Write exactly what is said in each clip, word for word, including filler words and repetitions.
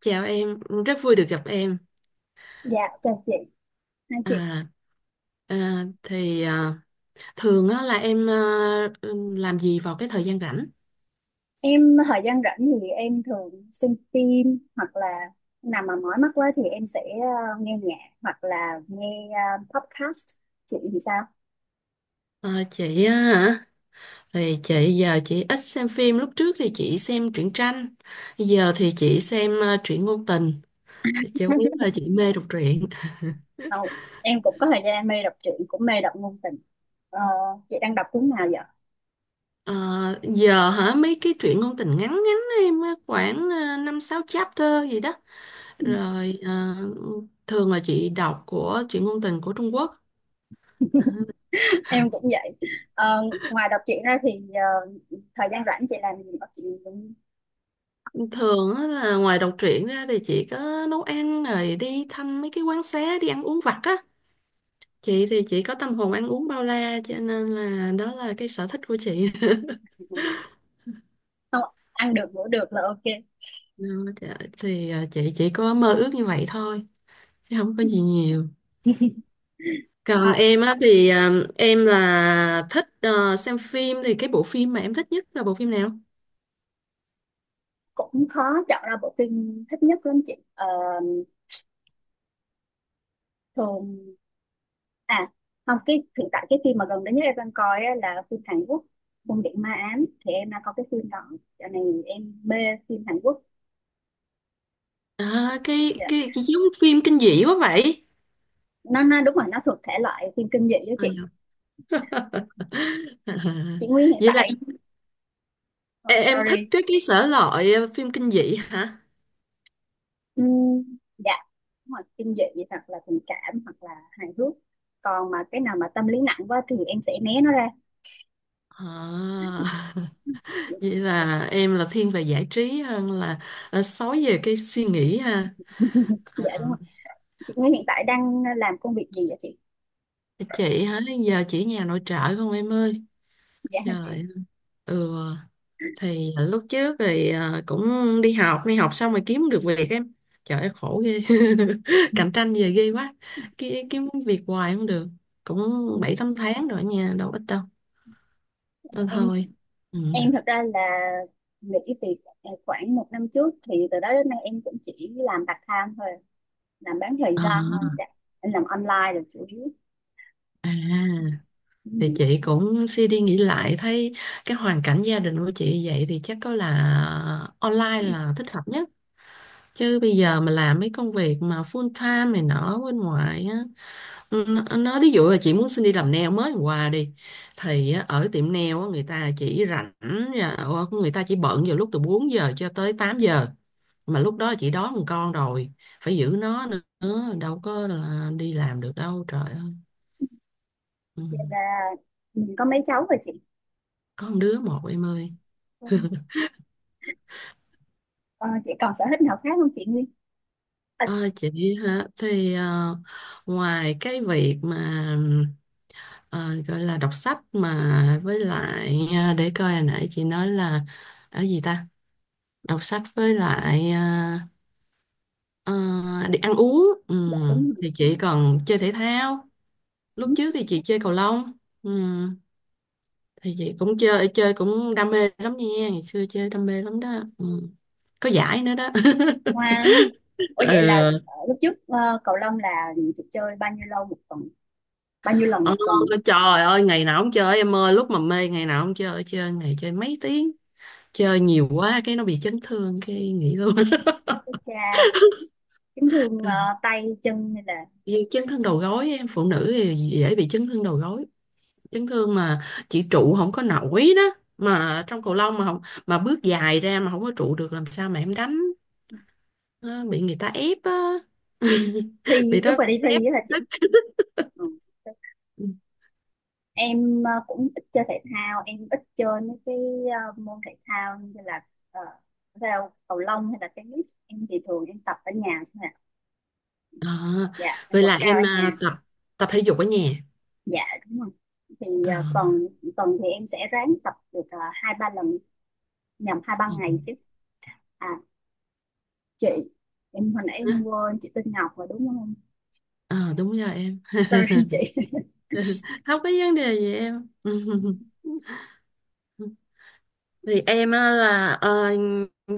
Chào em, rất vui được gặp em. Dạ, chào chị, hai chị. À, à, thì à, thường á, là em à, làm gì vào cái thời gian rảnh? Em thời gian rảnh thì em thường xem phim, hoặc là nào mà mỏi mắt quá thì em sẽ ờ, nghe nhạc hoặc là nghe ờ, podcast. Chị thì sao? À, chị á hả? Thì chị giờ chị ít xem phim. Lúc trước thì chị xem truyện tranh, giờ thì chị xem à, truyện ngôn tình. Chủ yếu là chị mê đọc truyện. Không, em cũng có thời gian em mê đọc truyện, cũng mê đọc ngôn tình. Ờ, chị đang đọc cuốn nào vậy? À, giờ hả? Mấy cái truyện ngôn tình ngắn ngắn em á, khoảng à, năm sáu chapter gì đó. Ừ. Rồi à, thường là chị đọc của truyện ngôn tình của Trung Quốc. Em cũng vậy. Ờ, ngoài đọc truyện ra thì ờ, thời gian rảnh chị làm gì? Có chị Thường á là ngoài đọc truyện ra thì chị có nấu ăn rồi đi thăm mấy cái quán xá, đi ăn uống vặt á. Chị thì chị có tâm hồn ăn uống bao la, cho nên là đó là cái sở thích của chị. cũng không, ăn được ngủ được là ok. Đó, thì thì, à, chị chỉ có mơ ước như vậy thôi chứ không có gì nhiều. Ờ, Còn em á thì à, em là thích à, xem phim, thì cái bộ phim mà em thích nhất là bộ phim nào? cũng khó chọn ra bộ phim thích nhất lắm chị. Ờ, thường à không, cái hiện tại cái phim mà gần đây nhất em đang coi á, là phim Hàn Quốc Cung điện ma ám, thì em đang coi cái phim đó cho nên em mê phim Hàn Quốc. À, cái, Dạ. cái cái giống phim kinh dị quá vậy. Nó nó đúng rồi, nó thuộc thể loại phim kinh dị đó Ờ, chị. dạ. Chị Nguyên hiện Vậy là tại không, Em, em thích sorry. cái cái sở loại ờ, phim kinh dị hả? Ừm, dạ đúng rồi, kinh dị hoặc là tình cảm hoặc là hài hước, còn mà cái nào mà tâm lý nặng quá thì em sẽ né nó ra. À, vậy là em là thiên về giải trí hơn là ờ, sói về cái suy nghĩ ha. À, Dạ đúng rồi, chị Nguyên hiện tại đang làm công việc gì vậy chị? chị hả? Giờ chỉ nhà nội trợ không em ơi? Dạ hả Trời chị? ơi. Ừ, thì lúc trước thì ờ, cũng đi học, đi học xong rồi kiếm được việc em. Trời ơi khổ ghê. Cạnh tranh về ghê quá. Ki- Kiếm việc hoài không được. Cũng bảy tám tháng rồi nha, đâu ít đâu. Nên em thôi. Ừ. em thật ra là nghỉ việc à, khoảng một năm trước, thì từ đó đến nay em cũng chỉ làm part time thôi, làm bán thời gian thôi, À, dạ. Em làm online là chủ yếu. à. thì Ừ. chị cũng suy đi nghĩ lại, thấy cái hoàn cảnh gia đình của chị vậy thì chắc có là online là thích hợp nhất. Chứ bây giờ mà làm mấy công việc mà full time này nọ bên ngoài á, nó nó- ví dụ là chị muốn xin đi làm nail mới hôm qua đi, thì á, ở tiệm nail á, người ta chỉ rảnh ờ, người ta chỉ bận vào lúc từ bốn giờ cho tới tám giờ, mà lúc đó chị đón một con rồi, phải giữ nó nữa, đâu có là đi làm được đâu trời ơi. Ừ. Vậy là mình có mấy cháu rồi chị? Có một đứa một em ơi. Ừ. Ờ, chị còn sở thích nào khác không chị Nguyên? À, Ờ, chị hả? Thì ờ, ngoài cái việc mà ờ, gọi là đọc sách, mà với lại ờ, để coi hồi nãy chị nói là ở gì ta, đọc sách với lại ờ, ờ, đi ăn uống, ừ. dạ đúng rồi. Thì chị còn chơi thể thao, Ừ. lúc trước thì chị chơi cầu lông. Ừ. Thì chị cũng chơi, chơi cũng đam mê lắm nha, ngày xưa chơi đam mê lắm đó. Ừ. Có giải nữa đó. Wow, ủa vậy là Ừ. ờ, lúc trước ờ, cầu lông là chị chơi bao nhiêu lâu một tuần, bao nhiêu lần Ờ, một tuần? trời ơi ngày nào không chơi em ơi, lúc mà mê ngày nào không chơi, chơi ngày chơi mấy tiếng, chơi nhiều quá cái nó bị chấn thương cái nghỉ luôn. Chết cha, chấn thương ờ, tay chân hay là Vì chấn thương đầu gối em, phụ nữ thì dễ bị chấn thương đầu gối, chấn thương mà chỉ trụ không có nổi đó, mà trong cầu lông mà không, mà bước dài ra mà không có trụ được, làm sao mà em đánh. Ờ, bị người ta ép á, bị thi lúc đó mà đi ép thi á là chị? tức. Ừ. Em ờ, cũng ít chơi thể thao, em ít chơi mấy cái ờ, môn thể thao như là ờ, theo cầu lông hay là tennis. Em thì thường em tập ở nhà thôi à. Ờ, Dạ, em vậy quật là cao em ở nhà. à, tập tập thể dục ở nhà. Dạ đúng rồi. Thì Ờ, ờ, tuần tuần thì em sẽ ráng tập được ờ, hai ba lần, nhầm, hai ờ, ba ngày chứ. À chị, em hồi nãy em hả? quên, chị tên Ngọc rồi đúng không? Ờ, đúng rồi em. Sorry chị. Không có vấn đề gì em. Thì em á là ờ,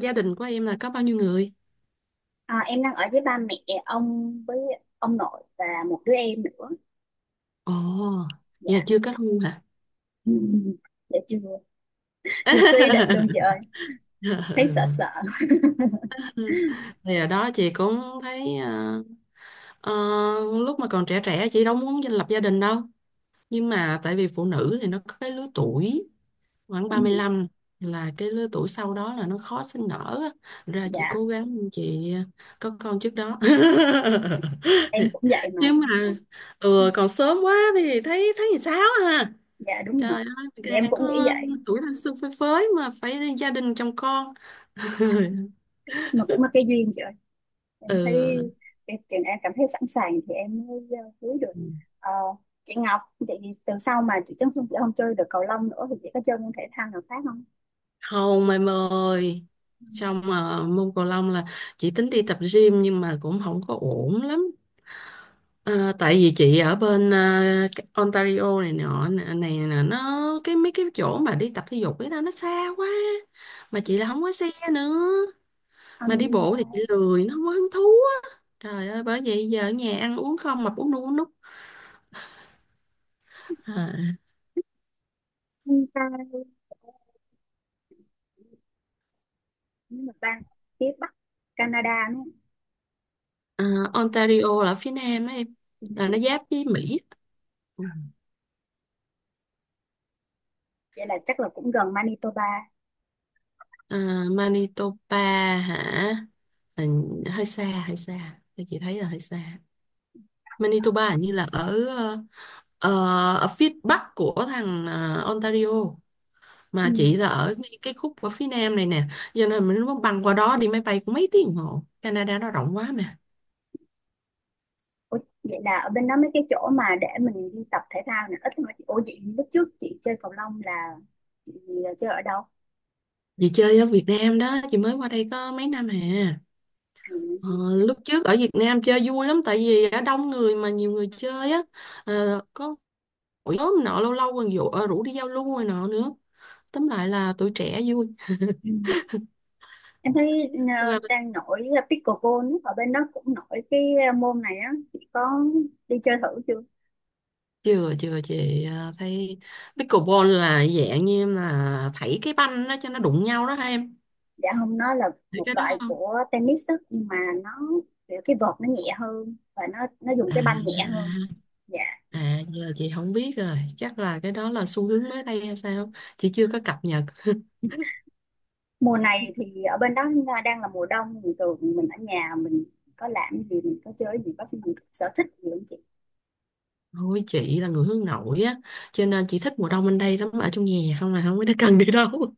gia đình của em là có bao nhiêu người? À, em đang ở với ba mẹ, ông với ông nội và một đứa em nữa. Ồ, Dạ. giờ chưa kết hôn hả? Ừ. Dạ chưa. Chưa có ý định luôn chị ơi, thấy sợ sợ. Ừ. Thì ở đó chị cũng thấy ờ, ờ, lúc mà còn trẻ trẻ chị đâu muốn lập gia đình đâu, nhưng mà tại vì phụ nữ thì nó có cái lứa tuổi, khoảng ba mươi Ừ, lăm là cái lứa tuổi sau đó là nó khó sinh nở á. Ra chị dạ cố gắng chị à, có con trước đó. em cũng vậy mà, Chứ mà nhưng mà ừ, ừ, còn sớm quá thì thấy, thấy làm sao ha. dạ đúng Trời rồi, ơi, thì em đang cũng nghĩ có vậy tuổi thanh xuân phơi phới mà phải gia đình chồng con. mà cũng là cái duyên chị ơi. Em thấy Ừ. cái trường em cảm thấy sẵn sàng thì em mới ờ, cưới được. Ờ, chị Ngọc, chị từ sau mà chị Trấn Xuân chị không chơi được cầu lông nữa thì chị có chơi môn thể thao nào khác không? Hồng em ơi, Ừ. xong mà môn cầu lông là chị tính đi tập gym, nhưng mà cũng không có ổn lắm. Ờ, tại vì chị ở bên ờ, cái Ontario này nọ này, này nè, nó cái mấy cái chỗ mà đi tập thể dục với tao nó xa quá, mà chị là không có xe nữa. Mà đi Anh bộ ta, thì chị lười, nó không có hứng thú á. Trời ơi, bởi vậy giờ ở nhà ăn uống không, mập, uống nu uống núc à. anh ta nhưng mà bang phía Bắc Canada nữa. Ờ, Ontario là ở phía nam á em, Thì là này, nó giáp với Mỹ. Ừ. vậy là chắc là cũng gần Manitoba. Ờ, Manitoba hả? Ừ, hơi xa, hơi xa. Thì chị thấy là hơi xa. Manitoba hình như là ở ờ, ờ, ở phía bắc của thằng ờ, Ontario, Ừ. mà chị là ở ngay cái khúc ở phía nam này nè, cho nên mình muốn băng qua đó đi máy bay cũng mấy tiếng đồng hồ, Canada nó rộng quá mà. Ủa, vậy là ở bên đó mấy cái chỗ mà để mình đi tập thể thao này ít thôi chị? Ủa vậy lúc trước chị chơi cầu lông là chị chơi ở đâu? Chị chơi ở Việt Nam đó, chị mới qua đây có mấy năm hè. À, Ờ, lúc trước ở Việt Nam chơi vui lắm, tại vì ở đông người mà nhiều người chơi á. Ờ, có hội nhóm nọ lâu lâu còn dụ, ờ, rủ đi giao lưu rồi nọ nữa, tóm lại là tuổi trẻ ừ. Em thấy ờ, vui. đang nổi pickleball ấy, ở bên đó cũng nổi cái ờ, môn này á, chị có đi chơi thử chưa? Chưa chưa, chị à, thấy pickleball là dạng như em là thảy cái banh đó cho nó đụng nhau đó hả em? Dạ không, nó là Thấy một cái đó loại không? của tennis đó, nhưng mà nó kiểu cái vợt nó nhẹ hơn và nó nó dùng à, cái banh nhẹ hơn. Dạ. à, à giờ chị không biết rồi, chắc là cái đó là xu hướng mới đây hay sao, chị chưa có cập nhật. Mùa này thì ở bên đó à, đang là mùa đông thì thường mình ở nhà mình có làm gì, mình có chơi gì, có mình có sở thích gì không chị? Thôi chị là người hướng nội á, cho nên chị thích mùa đông bên đây lắm, ở trong nhà không là không có cần đi đâu.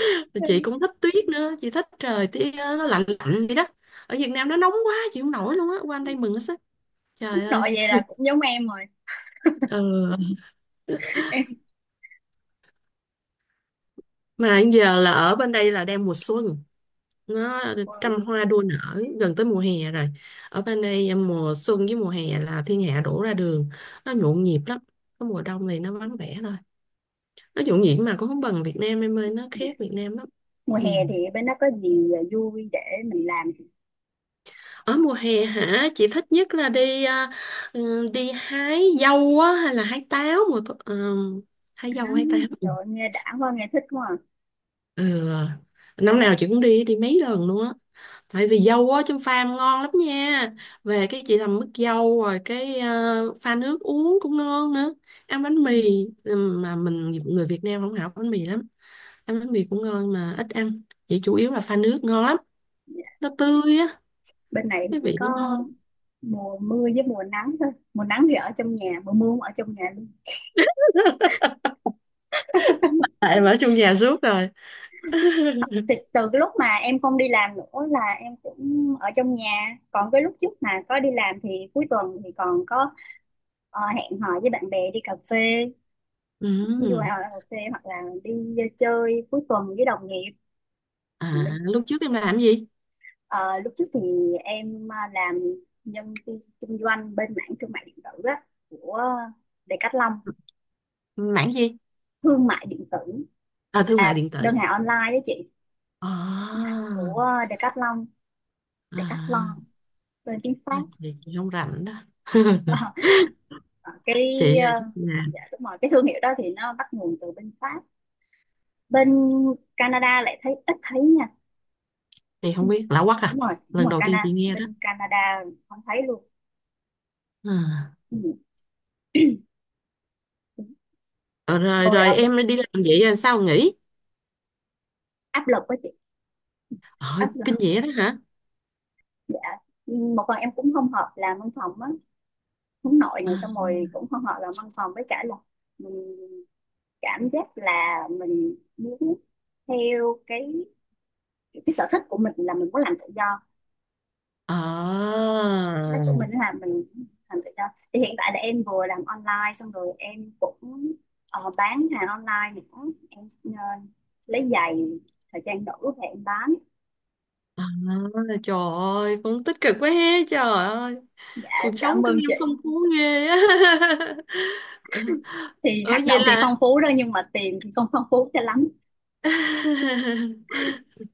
Ừ. Chị cũng thích tuyết nữa, chị thích trời tiết nó lạnh lạnh vậy đó. Ở Việt Nam nó nóng quá chị không nổi luôn á, qua bên đây mừng hết sức, trời ơi. Nội vậy là cũng giống em rồi. Ừ. Em Mà giờ là ở bên đây là đang mùa xuân, nó trăm wow. hoa đua nở, gần tới mùa hè rồi. Ở bên đây mùa xuân với mùa hè là thiên hạ đổ ra đường, nó nhộn nhịp lắm. Cái mùa đông thì nó vắng vẻ thôi. Nó nhộn nhịp mà cũng không bằng Việt Nam em ơi, nó Dạ. khác Việt Nam lắm. Mùa Ừ. hè thì bên đó có gì à, vui để mình làm Ở mùa hè hả? Chị thích nhất là đi à, ừ, đi hái dâu á, hay là hái táo. Mùa thu- ờ, hái hả? dâu, hái táo. Ừ. Trời ơi, nghe đã quá, nghe thích quá à. Ừ. Năm nào chị cũng đi đi mấy lần luôn á. Tại vì dâu á trong pha ngon lắm nha. Về cái chị làm mứt dâu, rồi cái ờ, pha nước uống cũng ngon nữa. Ăn bánh Ừ. mì, ừm, mà mình người Việt Nam không học bánh mì lắm. Ăn bánh mì cũng ngon mà ít ăn. Vậy chủ yếu là pha nước ngon lắm. Dạ. Nó tươi á, Bên này thì cái chỉ vị nó có ngon. mùa mưa với mùa nắng thôi, mùa nắng thì ở trong nhà, mùa mưa cũng ở trong nhà luôn. Tại em ở trong nhà suốt rồi. Thì từ cái lúc mà em không đi làm nữa là em cũng ở trong nhà, còn cái lúc trước mà có đi làm thì cuối tuần thì còn có ờ, hẹn hò với bạn bè đi cà phê, đi ngoài Ừm. ngoài cà phê hoặc là đi chơi cuối tuần với đồng nghiệp. À, lúc trước em làm gì? Ờ, lúc trước thì em ờ, làm nhân viên kinh doanh bên mảng thương mại điện tử á, của Decathlon. Mảng gì? Thương mại điện tử, À, thương là mại điện tử. đơn hàng online đó chị, À, của Decathlon. à, Decathlon tên tiếng à, Pháp. chị chị không rảnh đó. Ờ, cái Chị ờ, ờ, chắc dạ đúng rồi, cái thương hiệu đó thì nó bắt nguồn từ bên Pháp, bên Canada lại thấy ít thấy nha. thì Ừ, không biết, lạ quắc à, đúng rồi đúng lần rồi, đầu tiên chị Canada, nghe đó bên Canada không thấy luôn. à. Ừ. ờ, Rồi Rồi rồi ở bên em đi làm vậy rồi sao nghỉ? áp lực với chị, ờ, áp lực, Kinh dị đó hả? dạ. Ừ, một phần em cũng không hợp làm văn phòng á, hướng nội à, này, xong rồi cũng không hợp làm văn phòng, với cả là mình cảm giác là mình muốn theo cái cái sở thích của mình là mình muốn làm tự do. à, Đất của mình là mình làm tự do. Thì hiện tại là em vừa làm online xong rồi em cũng ờ, bán hàng online nữa. Em ờ, lấy giày thời trang nữ về em bán. à, Trời ơi, cũng tích cực quá he, trời ơi. Dạ em Cuộc sống cảm của ơn em chị. phong phú ghê á. Thì ờ hoạt Vậy động thì là phong phú đó nhưng mà tiền thì không phong phú cho lắm.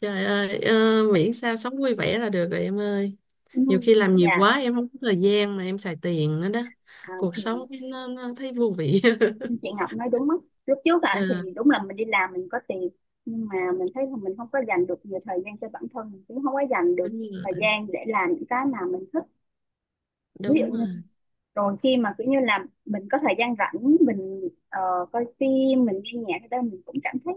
trời ơi, ờ, miễn sao sống vui vẻ là được rồi em ơi. Ừ. Nhiều khi làm nhiều Dạ quá em không có thời gian mà em xài tiền nữa đó, à, cuộc thì sống nó, nó thấy vô vị. chị Ngọc nói đúng á. Lúc trước à, thì À, đúng là mình đi làm mình có tiền, nhưng mà mình thấy là mình không có dành được nhiều thời gian cho bản thân, mình cũng không có dành đúng được thời rồi, gian để làm những cái mà mình thích. Ví đúng dụ như rồi. rồi khi mà kiểu như là mình có thời gian rảnh, mình ờ, coi phim mình nghe nhạc thì đó mình cũng cảm thấy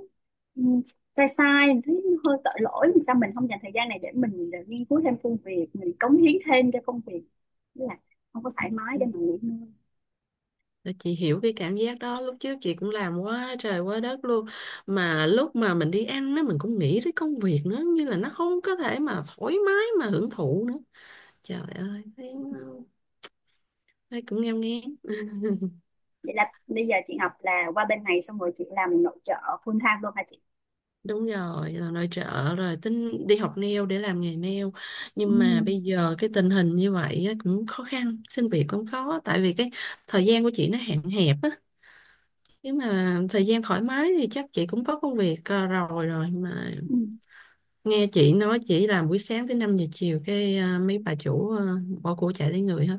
ừm, sai sai, mình thấy hơi tội lỗi vì sao mình không dành thời gian này để mình để nghiên cứu thêm công việc, mình cống hiến thêm cho công việc. Tức là không có thoải mái Ừ, để mà nghỉ ngơi. chị hiểu cái cảm giác đó, lúc trước chị cũng làm quá trời quá đất luôn, mà lúc mà mình đi ăn á mình cũng nghĩ tới công việc nữa, như là nó không có thể mà thoải mái mà hưởng thụ nữa. Trời ơi thấy, thấy cũng nghèo nghén. Vậy là bây giờ chị học là qua bên này xong rồi chị làm nội trợ full time luôn hả chị? Đúng rồi, là nội trợ rồi tính đi học nail để làm nghề nail, Ừ. nhưng mà bây giờ cái tình hình như vậy á, cũng khó khăn, xin việc cũng khó, tại vì cái thời gian của chị nó hạn hẹp á. Nếu mà thời gian thoải mái thì chắc chị cũng có công việc ờ, rồi, rồi mà Ừ. nghe chị nói chị làm buổi sáng tới năm giờ chiều cái ờ, mấy bà chủ ờ, bỏ của chạy lấy người hết.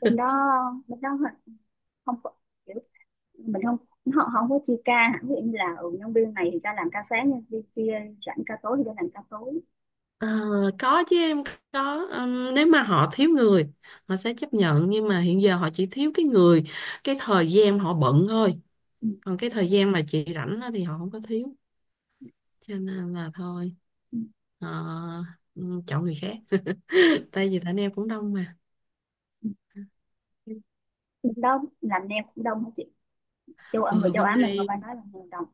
Bên đó, bên đó không có mình không, họ họ không có chia ca hả, ví dụ như là ừ, nhân viên này thì ra làm ca sáng, nhân viên kia rảnh ca tối thì ra làm ca tối. Ờ, có chứ em, có. Ừm, nếu mà họ thiếu người họ sẽ chấp nhận, nhưng mà hiện giờ họ chỉ thiếu cái người cái thời gian họ bận thôi, Ừ. còn cái thời gian mà chị rảnh á thì họ không có thiếu, cho nên là thôi, Ừ, ờ, ừm, chọn người khác. Tại vì thằng em cũng đông mà. ừ. Cũng đông làm nem cũng đông hả chị? Châu Á, người Ừ, châu bên Á mình mà đây. phải nói là người đông.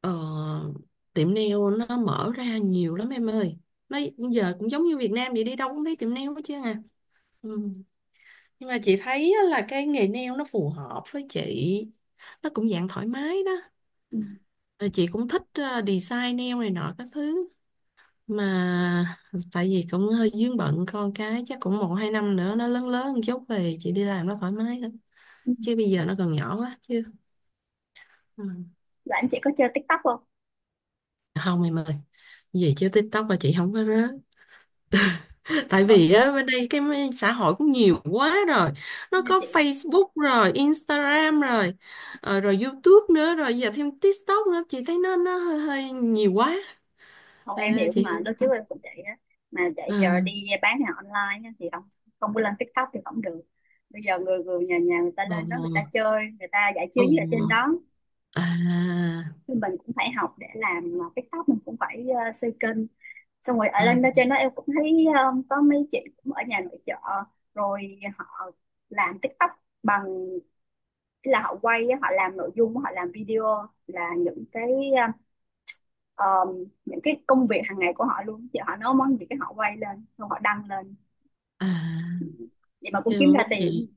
Ờ, tiệm nail nó mở ra nhiều lắm em ơi, nó giờ cũng giống như Việt Nam vậy, đi đâu cũng thấy tiệm nail hết chứ à. Ừ. Nhưng mà chị thấy á là cái nghề nail nó phù hợp với chị, nó cũng dạng thoải mái đó. Ừ. Ờ, chị cũng thích ờ, design nail này nọ các thứ, mà tại vì cũng hơi vướng bận con cái, chắc cũng một hai năm nữa nó lớn lớn một chút về chị đi làm nó thoải mái hơn, Ừ. chứ bây giờ nó còn nhỏ quá chứ. Ừ. Rồi em, chị có chơi TikTok không? Không em ơi, về chứ TikTok là chị không có rớ. Tại Ờ, vì á, bên đây cái m- xã hội cũng nhiều quá rồi. Nó nghe có chị. Facebook rồi, Instagram rồi, ờ, rồi YouTube nữa, rồi giờ thêm TikTok nữa. Chị thấy nó nó hơi, hơi nhiều quá. Không, em À, hiểu chị mà, lúc không... trước em cũng vậy á, mà chạy giờ đi À, bán hàng online á, thì không, không có lên TikTok thì không được. Bây giờ người người nhà nhà người ta lên đó, người ồ, ta chơi, người ta giải trí ồ, ở trên đó, à, thì mình cũng phải học để làm TikTok, mình cũng phải ờ, xây kênh, xong rồi ở ờ, lên đó trên đó em cũng thấy um, có mấy chị cũng ở nhà nội trợ rồi họ làm TikTok bằng, ý là họ quay á, họ làm nội dung, họ làm video là những cái um, những cái công việc hàng ngày của họ luôn chị, họ nấu món gì cái họ quay lên xong họ đăng lên, à. vậy mà cũng Chứ kiếm ra mốt chị, tiền.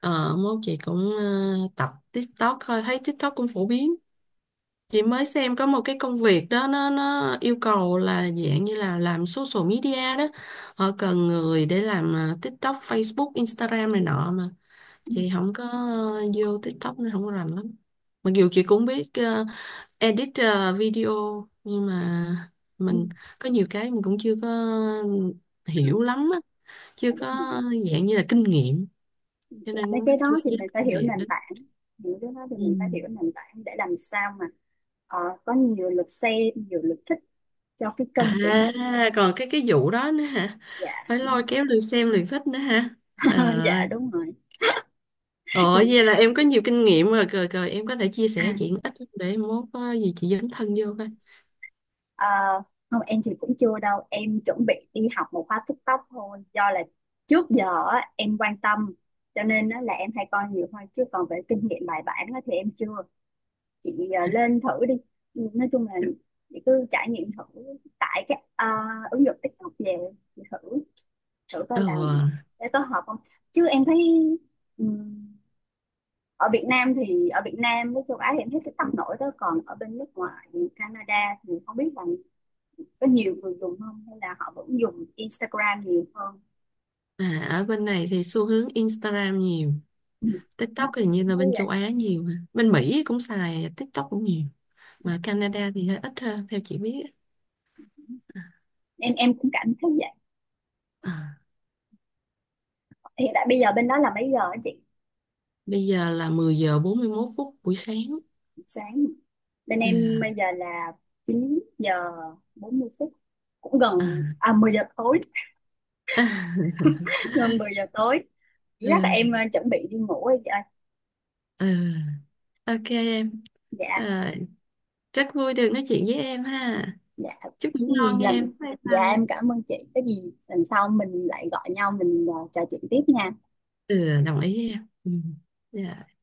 ờ, Mốt chị cũng ờ, tập TikTok thôi. Thấy TikTok cũng phổ biến. Chị mới xem có một cái công việc đó, nó nó yêu cầu là dạng như là làm social media đó. Họ cần người để làm à, TikTok, Facebook, Instagram này nọ, mà Ừ, chị không có ờ, vô TikTok nên không có rành lắm. Mặc dù chị cũng biết ờ, edit ờ, video, nhưng mà ừ, mình có nhiều cái mình cũng chưa có hiểu lắm á, chưa dạ có đúng rồi. dạng như là kinh nghiệm, cho Làm nên mấy cái cũng chưa đó thì dám mình phải làm hiểu việc đó. nền tảng, những cái đó thì Ừ. mình phải hiểu nền tảng để làm sao mà ờ, có nhiều lượt xem nhiều lượt thích cho cái À, kênh của mình. còn cái cái vụ đó nữa hả? Dạ. Phải lôi kéo lượt xem lượt thích nữa hả? Ờ, À, dạ đúng rồi. ờ, Thì vậy là em có nhiều kinh nghiệm rồi, rồi, rồi em có thể chia sẻ chị à, một ít, để mốt có gì chị dấn thân vô coi. ờ, không, em thì cũng chưa đâu, em chuẩn bị đi học một khóa TikTok thôi, do là trước giờ á, em quan tâm cho nên á là em hay coi nhiều thôi, chứ còn về kinh nghiệm bài bản á thì em chưa. Chị ờ, lên thử đi. Ừ, nói chung là chị cứ trải nghiệm thử, tải cái ờ, ứng dụng TikTok về, chị thử, thử coi Ờ, là để có hợp không. Chứ em thấy ở Việt Nam, thì ở Việt Nam với châu Á thì em thấy cái tăng nổi đó, còn ở bên nước ngoài như Canada thì không biết là có nhiều người dùng không hay là họ vẫn dùng Instagram nhiều hơn. À, ở bên này thì xu hướng Instagram nhiều, Ừ. Em TikTok thì như cũng là thấy bên châu vậy. Á nhiều, mà bên Mỹ cũng xài TikTok cũng nhiều, Mà mà chị, Canada thì hơi ít hơn theo chị biết. em em cũng cảm thấy vậy. À, Hiện tại bây giờ bên đó là mấy giờ á chị? bây giờ là mười giờ bốn mươi mốt phút buổi sáng. Sáng, bên Ừ, em bây giờ là chín giờ bốn mươi phút, cũng à. gần à mười giờ tối. Gần mười giờ tối, chắc là em ờ, Ừ, chuẩn bị đi ngủ rồi chị ơi. ừ. Ok em, Dạ. rồi. Rất vui được nói chuyện với em ha. Dạ. Chúc ngủ Cái gì ngon nha lần, em. Bye dạ bye. em cảm ơn chị, cái gì lần sau mình lại gọi nhau mình ờ, trò chuyện tiếp nha. Ừ, đồng ý em. Ừ. Dạ.